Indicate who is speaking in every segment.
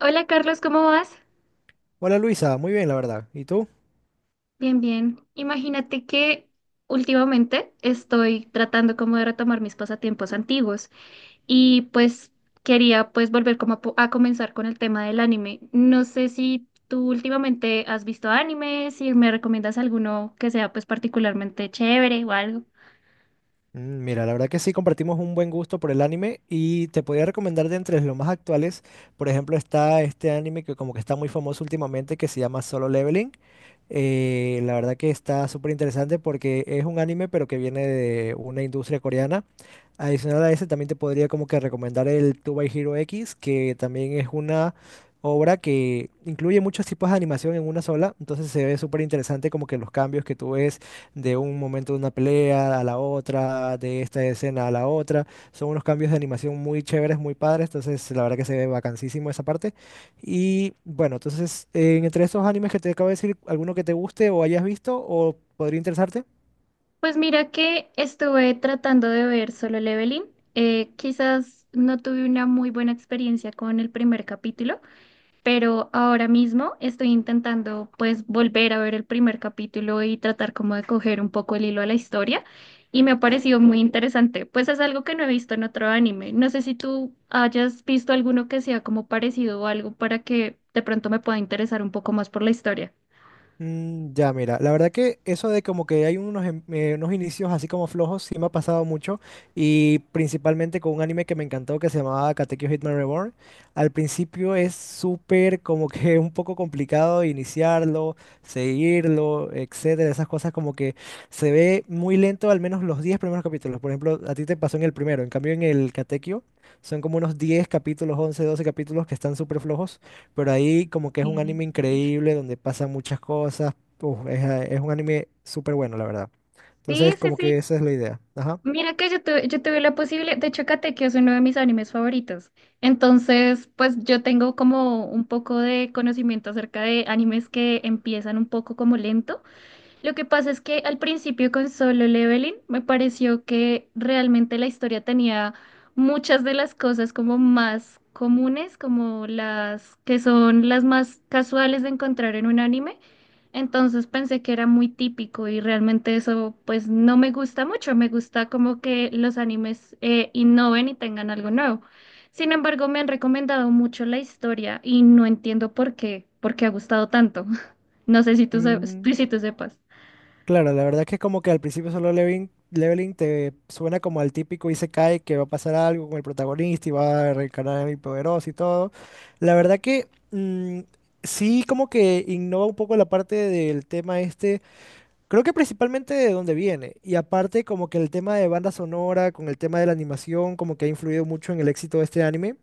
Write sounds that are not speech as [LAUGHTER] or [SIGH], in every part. Speaker 1: Hola Carlos, ¿cómo vas?
Speaker 2: Hola Luisa, muy bien la verdad. ¿Y tú?
Speaker 1: Bien, bien. Imagínate que últimamente estoy tratando como de retomar mis pasatiempos antiguos y pues quería pues volver como a comenzar con el tema del anime. No sé si tú últimamente has visto anime, si me recomiendas alguno que sea pues particularmente chévere o algo.
Speaker 2: Mira, la verdad que sí compartimos un buen gusto por el anime y te podría recomendar de entre los más actuales, por ejemplo, está este anime que como que está muy famoso últimamente que se llama Solo Leveling. La verdad que está súper interesante porque es un anime, pero que viene de una industria coreana. Adicional a ese, también te podría como que recomendar el Two by Hero X, que también es una obra que incluye muchos tipos de animación en una sola. Entonces se ve súper interesante como que los cambios que tú ves de un momento de una pelea a la otra, de esta escena a la otra. Son unos cambios de animación muy chéveres, muy padres. Entonces la verdad que se ve bacanísimo esa parte. Y bueno, entonces, entre estos animes que te acabo de decir, ¿alguno que te guste o hayas visto o podría interesarte?
Speaker 1: Pues mira que estuve tratando de ver Solo Leveling. Quizás no tuve una muy buena experiencia con el primer capítulo, pero ahora mismo estoy intentando pues volver a ver el primer capítulo y tratar como de coger un poco el hilo a la historia y me ha parecido muy interesante. Pues es algo que no he visto en otro anime. No sé si tú hayas visto alguno que sea como parecido o algo para que de pronto me pueda interesar un poco más por la historia.
Speaker 2: Mm, ya, mira, la verdad que eso de como que hay unos, unos inicios así como flojos sí me ha pasado mucho y principalmente con un anime que me encantó que se llamaba Katekyo Hitman Reborn. Al principio es súper como que [LAUGHS] un poco complicado iniciarlo, seguirlo, etcétera, esas cosas como que se ve muy lento al menos los 10 primeros capítulos. Por ejemplo, a ti te pasó en el primero, en cambio en el Katekyo son como unos 10 capítulos, 11 12 capítulos que están súper flojos pero ahí como que es un anime
Speaker 1: Sí,
Speaker 2: increíble donde pasan muchas cosas. Uf, es un anime súper bueno, la verdad.
Speaker 1: sí,
Speaker 2: Entonces,
Speaker 1: sí,
Speaker 2: como que
Speaker 1: sí.
Speaker 2: esa es la idea. Ajá.
Speaker 1: Mira que yo tuve la posibilidad, de hecho, Katekyo es uno de mis animes favoritos. Entonces, pues yo tengo como un poco de conocimiento acerca de animes que empiezan un poco como lento. Lo que pasa es que al principio con Solo Leveling me pareció que realmente la historia tenía muchas de las cosas como más comunes, como las que son las más casuales de encontrar en un anime. Entonces pensé que era muy típico y realmente eso pues no me gusta mucho. Me gusta como que los animes innoven y tengan algo nuevo. Sin embargo, me han recomendado mucho la historia y no entiendo por qué, porque ha gustado tanto. [LAUGHS] No sé si tú, sabes-
Speaker 2: Mm,
Speaker 1: si tú sepas.
Speaker 2: Claro, la verdad que como que al principio solo leveling te suena como al típico Isekai que va a pasar algo con el protagonista y va a reencarnar en el poderoso y todo. La verdad que sí como que innova un poco la parte del tema este. Creo que principalmente de dónde viene. Y aparte, como que el tema de banda sonora, con el tema de la animación, como que ha influido mucho en el éxito de este anime.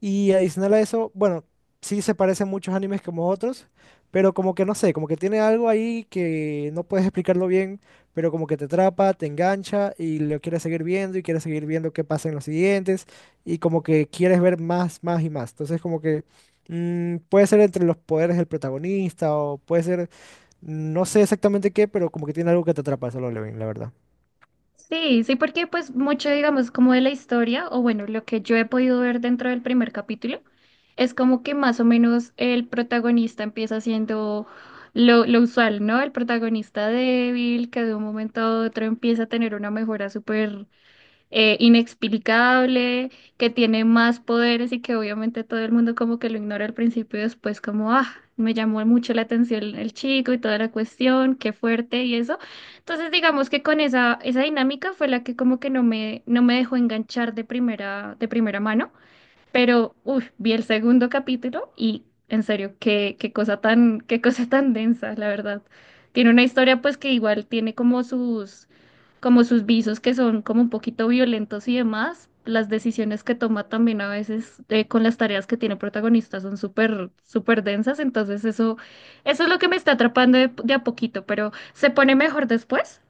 Speaker 2: Y adicional a eso, bueno, sí se parecen muchos animes como otros, pero como que no sé, como que tiene algo ahí que no puedes explicarlo bien, pero como que te atrapa, te engancha y lo quieres seguir viendo y quieres seguir viendo qué pasa en los siguientes y como que quieres ver más, más y más. Entonces, como que puede ser entre los poderes del protagonista o puede ser no sé exactamente qué, pero como que tiene algo que te atrapa solo Levin, la verdad.
Speaker 1: Sí, sí, porque pues mucho, digamos, como de la historia, o bueno, lo que yo he podido ver dentro del primer capítulo, es como que más o menos el protagonista empieza siendo lo usual, ¿no? El protagonista débil, que de un momento a otro empieza a tener una mejora súper inexplicable, que tiene más poderes y que obviamente todo el mundo como que lo ignora al principio y después como, ah, me llamó mucho la atención el chico y toda la cuestión, qué fuerte y eso. Entonces digamos que con esa dinámica fue la que como que no me dejó enganchar de primera mano. Pero, uff, vi el segundo capítulo y en serio, qué, qué cosa tan densa, la verdad. Tiene una historia pues que igual tiene como sus visos que son como un poquito violentos y demás. Las decisiones que toma también a veces con las tareas que tiene el protagonista son súper, súper densas. Entonces eso es lo que me está atrapando de a poquito, pero se pone mejor después.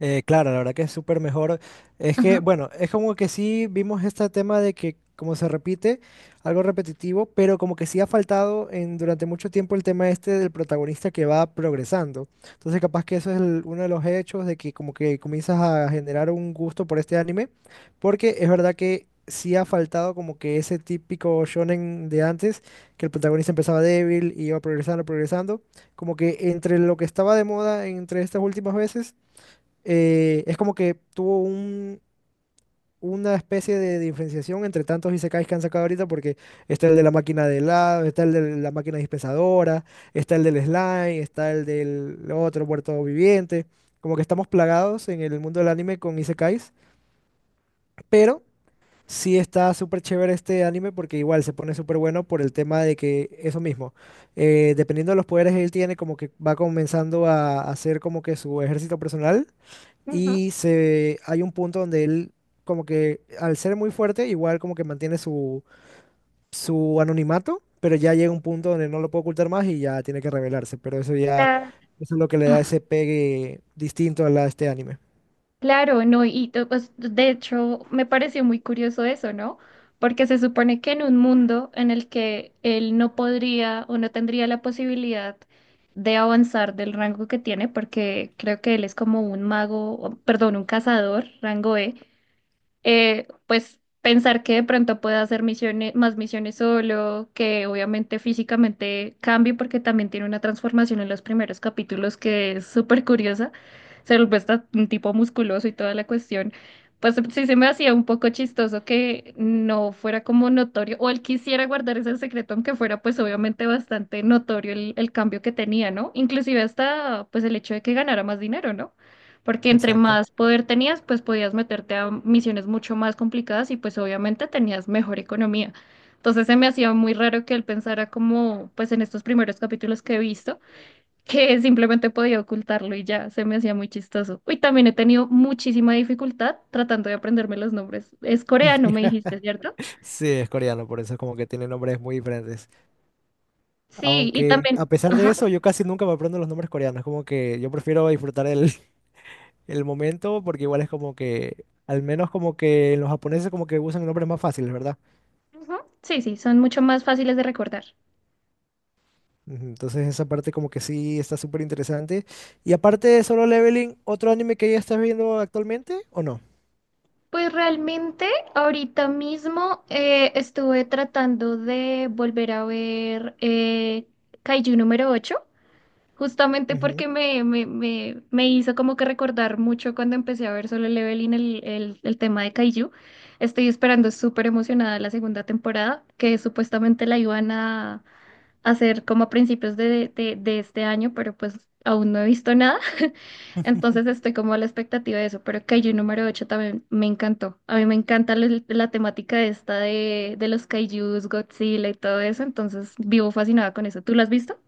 Speaker 2: Claro, la verdad que es súper mejor. Es que,
Speaker 1: Ajá.
Speaker 2: bueno, es como que sí vimos este tema de que como se repite, algo repetitivo, pero como que sí ha faltado en, durante mucho tiempo el tema este del protagonista que va progresando. Entonces capaz que eso es uno de los hechos de que como que comienzas a generar un gusto por este anime, porque es verdad que sí ha faltado como que ese típico shonen de antes, que el protagonista empezaba débil y iba progresando, progresando, como que entre lo que estaba de moda entre estas últimas veces es como que tuvo una especie de diferenciación entre tantos isekais que han sacado ahorita, porque está el de la máquina de helado, está el de la máquina dispensadora, está el del slime, está el del otro muerto viviente. Como que estamos plagados en el mundo del anime con isekais, pero sí está súper chévere este anime porque igual se pone súper bueno por el tema de que eso mismo, dependiendo de los poderes que él tiene, como que va comenzando a hacer como que su ejército personal
Speaker 1: Ujú.
Speaker 2: y se, hay un punto donde él, como que al ser muy fuerte, igual como que mantiene su anonimato, pero ya llega un punto donde no lo puede ocultar más y ya tiene que revelarse. Pero eso ya, eso es lo que le da
Speaker 1: La-
Speaker 2: ese pegue distinto a la, a este anime.
Speaker 1: Claro, no, y to- pues, de hecho me pareció muy curioso eso, ¿no? Porque se supone que en un mundo en el que él no podría o no tendría la posibilidad de avanzar del rango que tiene, porque creo que él es como un mago, o- perdón, un cazador, rango E, pues pensar que de pronto pueda hacer misiones, más misiones solo, que obviamente físicamente cambie porque también tiene una transformación en los primeros capítulos que es súper curiosa, se vuelve hasta un tipo musculoso y toda la cuestión. Pues sí se me hacía un poco chistoso que no fuera como notorio, o él quisiera guardar ese secreto, aunque fuera pues obviamente bastante notorio el cambio que tenía, ¿no? Inclusive hasta pues el hecho de que ganara más dinero, ¿no? Porque entre
Speaker 2: Exacto.
Speaker 1: más poder tenías, pues podías meterte a misiones mucho más complicadas y pues obviamente tenías mejor economía. Entonces se me hacía muy raro que él pensara como, pues en estos primeros capítulos que he visto, que [LAUGHS] simplemente podía ocultarlo y ya, se me hacía muy chistoso. Y también he tenido muchísima dificultad tratando de aprenderme los nombres. Es coreano, me
Speaker 2: [LAUGHS]
Speaker 1: dijiste, ¿cierto?
Speaker 2: Sí, es coreano, por eso es como que tiene nombres muy diferentes.
Speaker 1: Sí, y
Speaker 2: Aunque a
Speaker 1: también,
Speaker 2: pesar de
Speaker 1: ajá,
Speaker 2: eso, yo casi nunca me aprendo los nombres coreanos. Como que yo prefiero disfrutar el, [LAUGHS] el momento porque igual es como que, al menos como que los japoneses como que usan nombres más fáciles, ¿verdad?
Speaker 1: ujú. Sí, sí, son mucho más fáciles de recordar.
Speaker 2: Ujú. Entonces esa parte como que sí está súper interesante. Y aparte de Solo Leveling, ¿otro anime que ya estás viendo actualmente o no?
Speaker 1: Pues realmente ahorita mismo estuve tratando de volver a ver Kaiju número 8 justamente porque me hizo como que recordar mucho cuando empecé a ver Solo Leveling el tema de Kaiju. Estoy esperando súper emocionada la segunda temporada, que supuestamente la iban a hacer como a principios de este año, pero pues aún no he visto nada. [LAUGHS] Entonces estoy como a la expectativa de eso, pero Kaiju número 8 también me encantó. A mí me encanta la temática esta de los Kaijus, Godzilla y todo eso, entonces vivo fascinada con eso. ¿Tú lo has visto?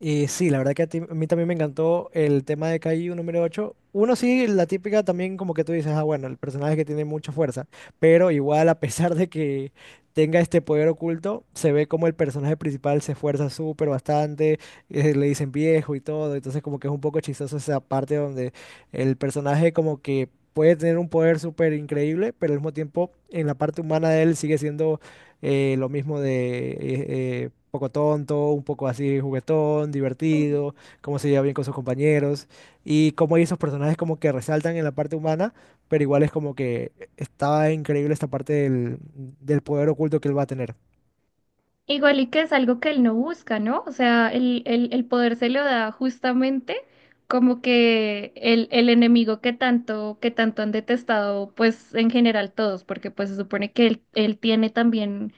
Speaker 2: Y sí, la verdad que a mí también me encantó el tema de KI número 8. Uno sí, la típica también como que tú dices, ah, bueno, el personaje que tiene mucha fuerza, pero igual a pesar de que tenga este poder oculto, se ve como el personaje principal se esfuerza súper bastante, le dicen viejo y todo, entonces como que es un poco chistoso esa parte donde el personaje como que puede tener un poder súper increíble, pero al mismo tiempo en la parte humana de él sigue siendo lo mismo de poco tonto, un poco así juguetón, divertido, cómo se lleva bien con sus compañeros y cómo hay esos personajes como que resaltan en la parte humana, pero igual es como que está increíble esta parte del poder oculto que él va a tener.
Speaker 1: Igual y que es algo que él no busca, ¿no? O sea, el poder se lo da justamente como que el enemigo que tanto han detestado, pues en general todos, porque pues se supone que él tiene también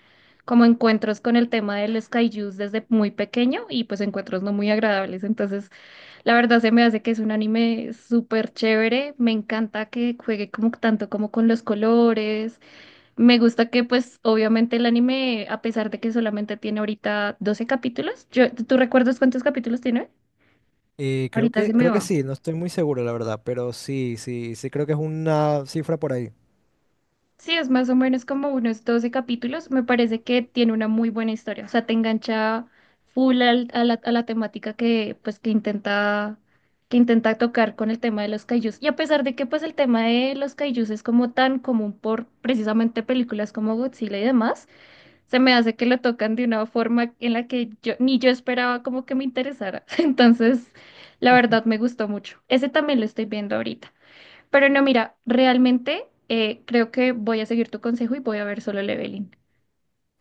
Speaker 1: como encuentros con el tema de los kaijus desde muy pequeño y pues encuentros no muy agradables. Entonces, la verdad se me hace que es un anime súper chévere. Me encanta que juegue como tanto como con los colores, me gusta que pues obviamente el anime, a pesar de que solamente tiene ahorita 12 capítulos, yo, ¿tú recuerdas cuántos capítulos tiene?
Speaker 2: Eh, creo
Speaker 1: Ahorita se
Speaker 2: que,
Speaker 1: me
Speaker 2: creo que
Speaker 1: va.
Speaker 2: sí, no estoy muy seguro, la verdad, pero sí, sí, sí creo que es una cifra por ahí.
Speaker 1: Sí, es más o menos como unos 12 capítulos. Me parece que tiene una muy buena historia. O sea, te engancha full al- a la temática que pues que intenta tocar con el tema de los kaijus. Y a pesar de que pues el tema de los kaijus es como tan común por precisamente películas como Godzilla y demás, se me hace que lo tocan de una forma en la que yo ni yo esperaba como que me interesara. [LAUGHS] Entonces, la verdad me gustó mucho. Ese también lo estoy viendo ahorita. Pero no, mira, realmente creo que voy a seguir tu consejo y voy a ver Solo Leveling.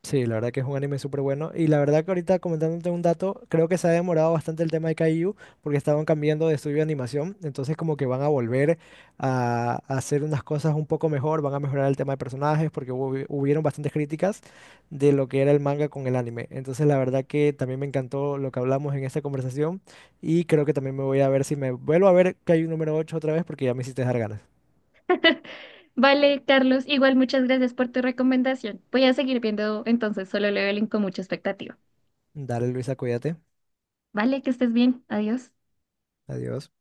Speaker 2: Sí, la verdad que es un anime súper bueno. Y la verdad que ahorita comentándote un dato, creo que se ha demorado bastante el tema de Kaiju porque estaban cambiando de estudio de animación. Entonces como que van a volver a hacer unas cosas un poco mejor, van a mejorar el tema de personajes porque hubieron bastantes críticas de lo que era el manga con el anime. Entonces la verdad que también me encantó lo que hablamos en esta conversación y creo que también me voy a ver si me vuelvo a ver Kaiju número 8 otra vez porque ya me hiciste dejar ganas.
Speaker 1: [LAUGHS] Vale, Carlos, igual muchas gracias por tu recomendación. Voy a seguir viendo entonces Solo Leveling con mucha expectativa.
Speaker 2: Dale Luisa, cuídate.
Speaker 1: Vale, que estés bien. Adiós.
Speaker 2: Adiós.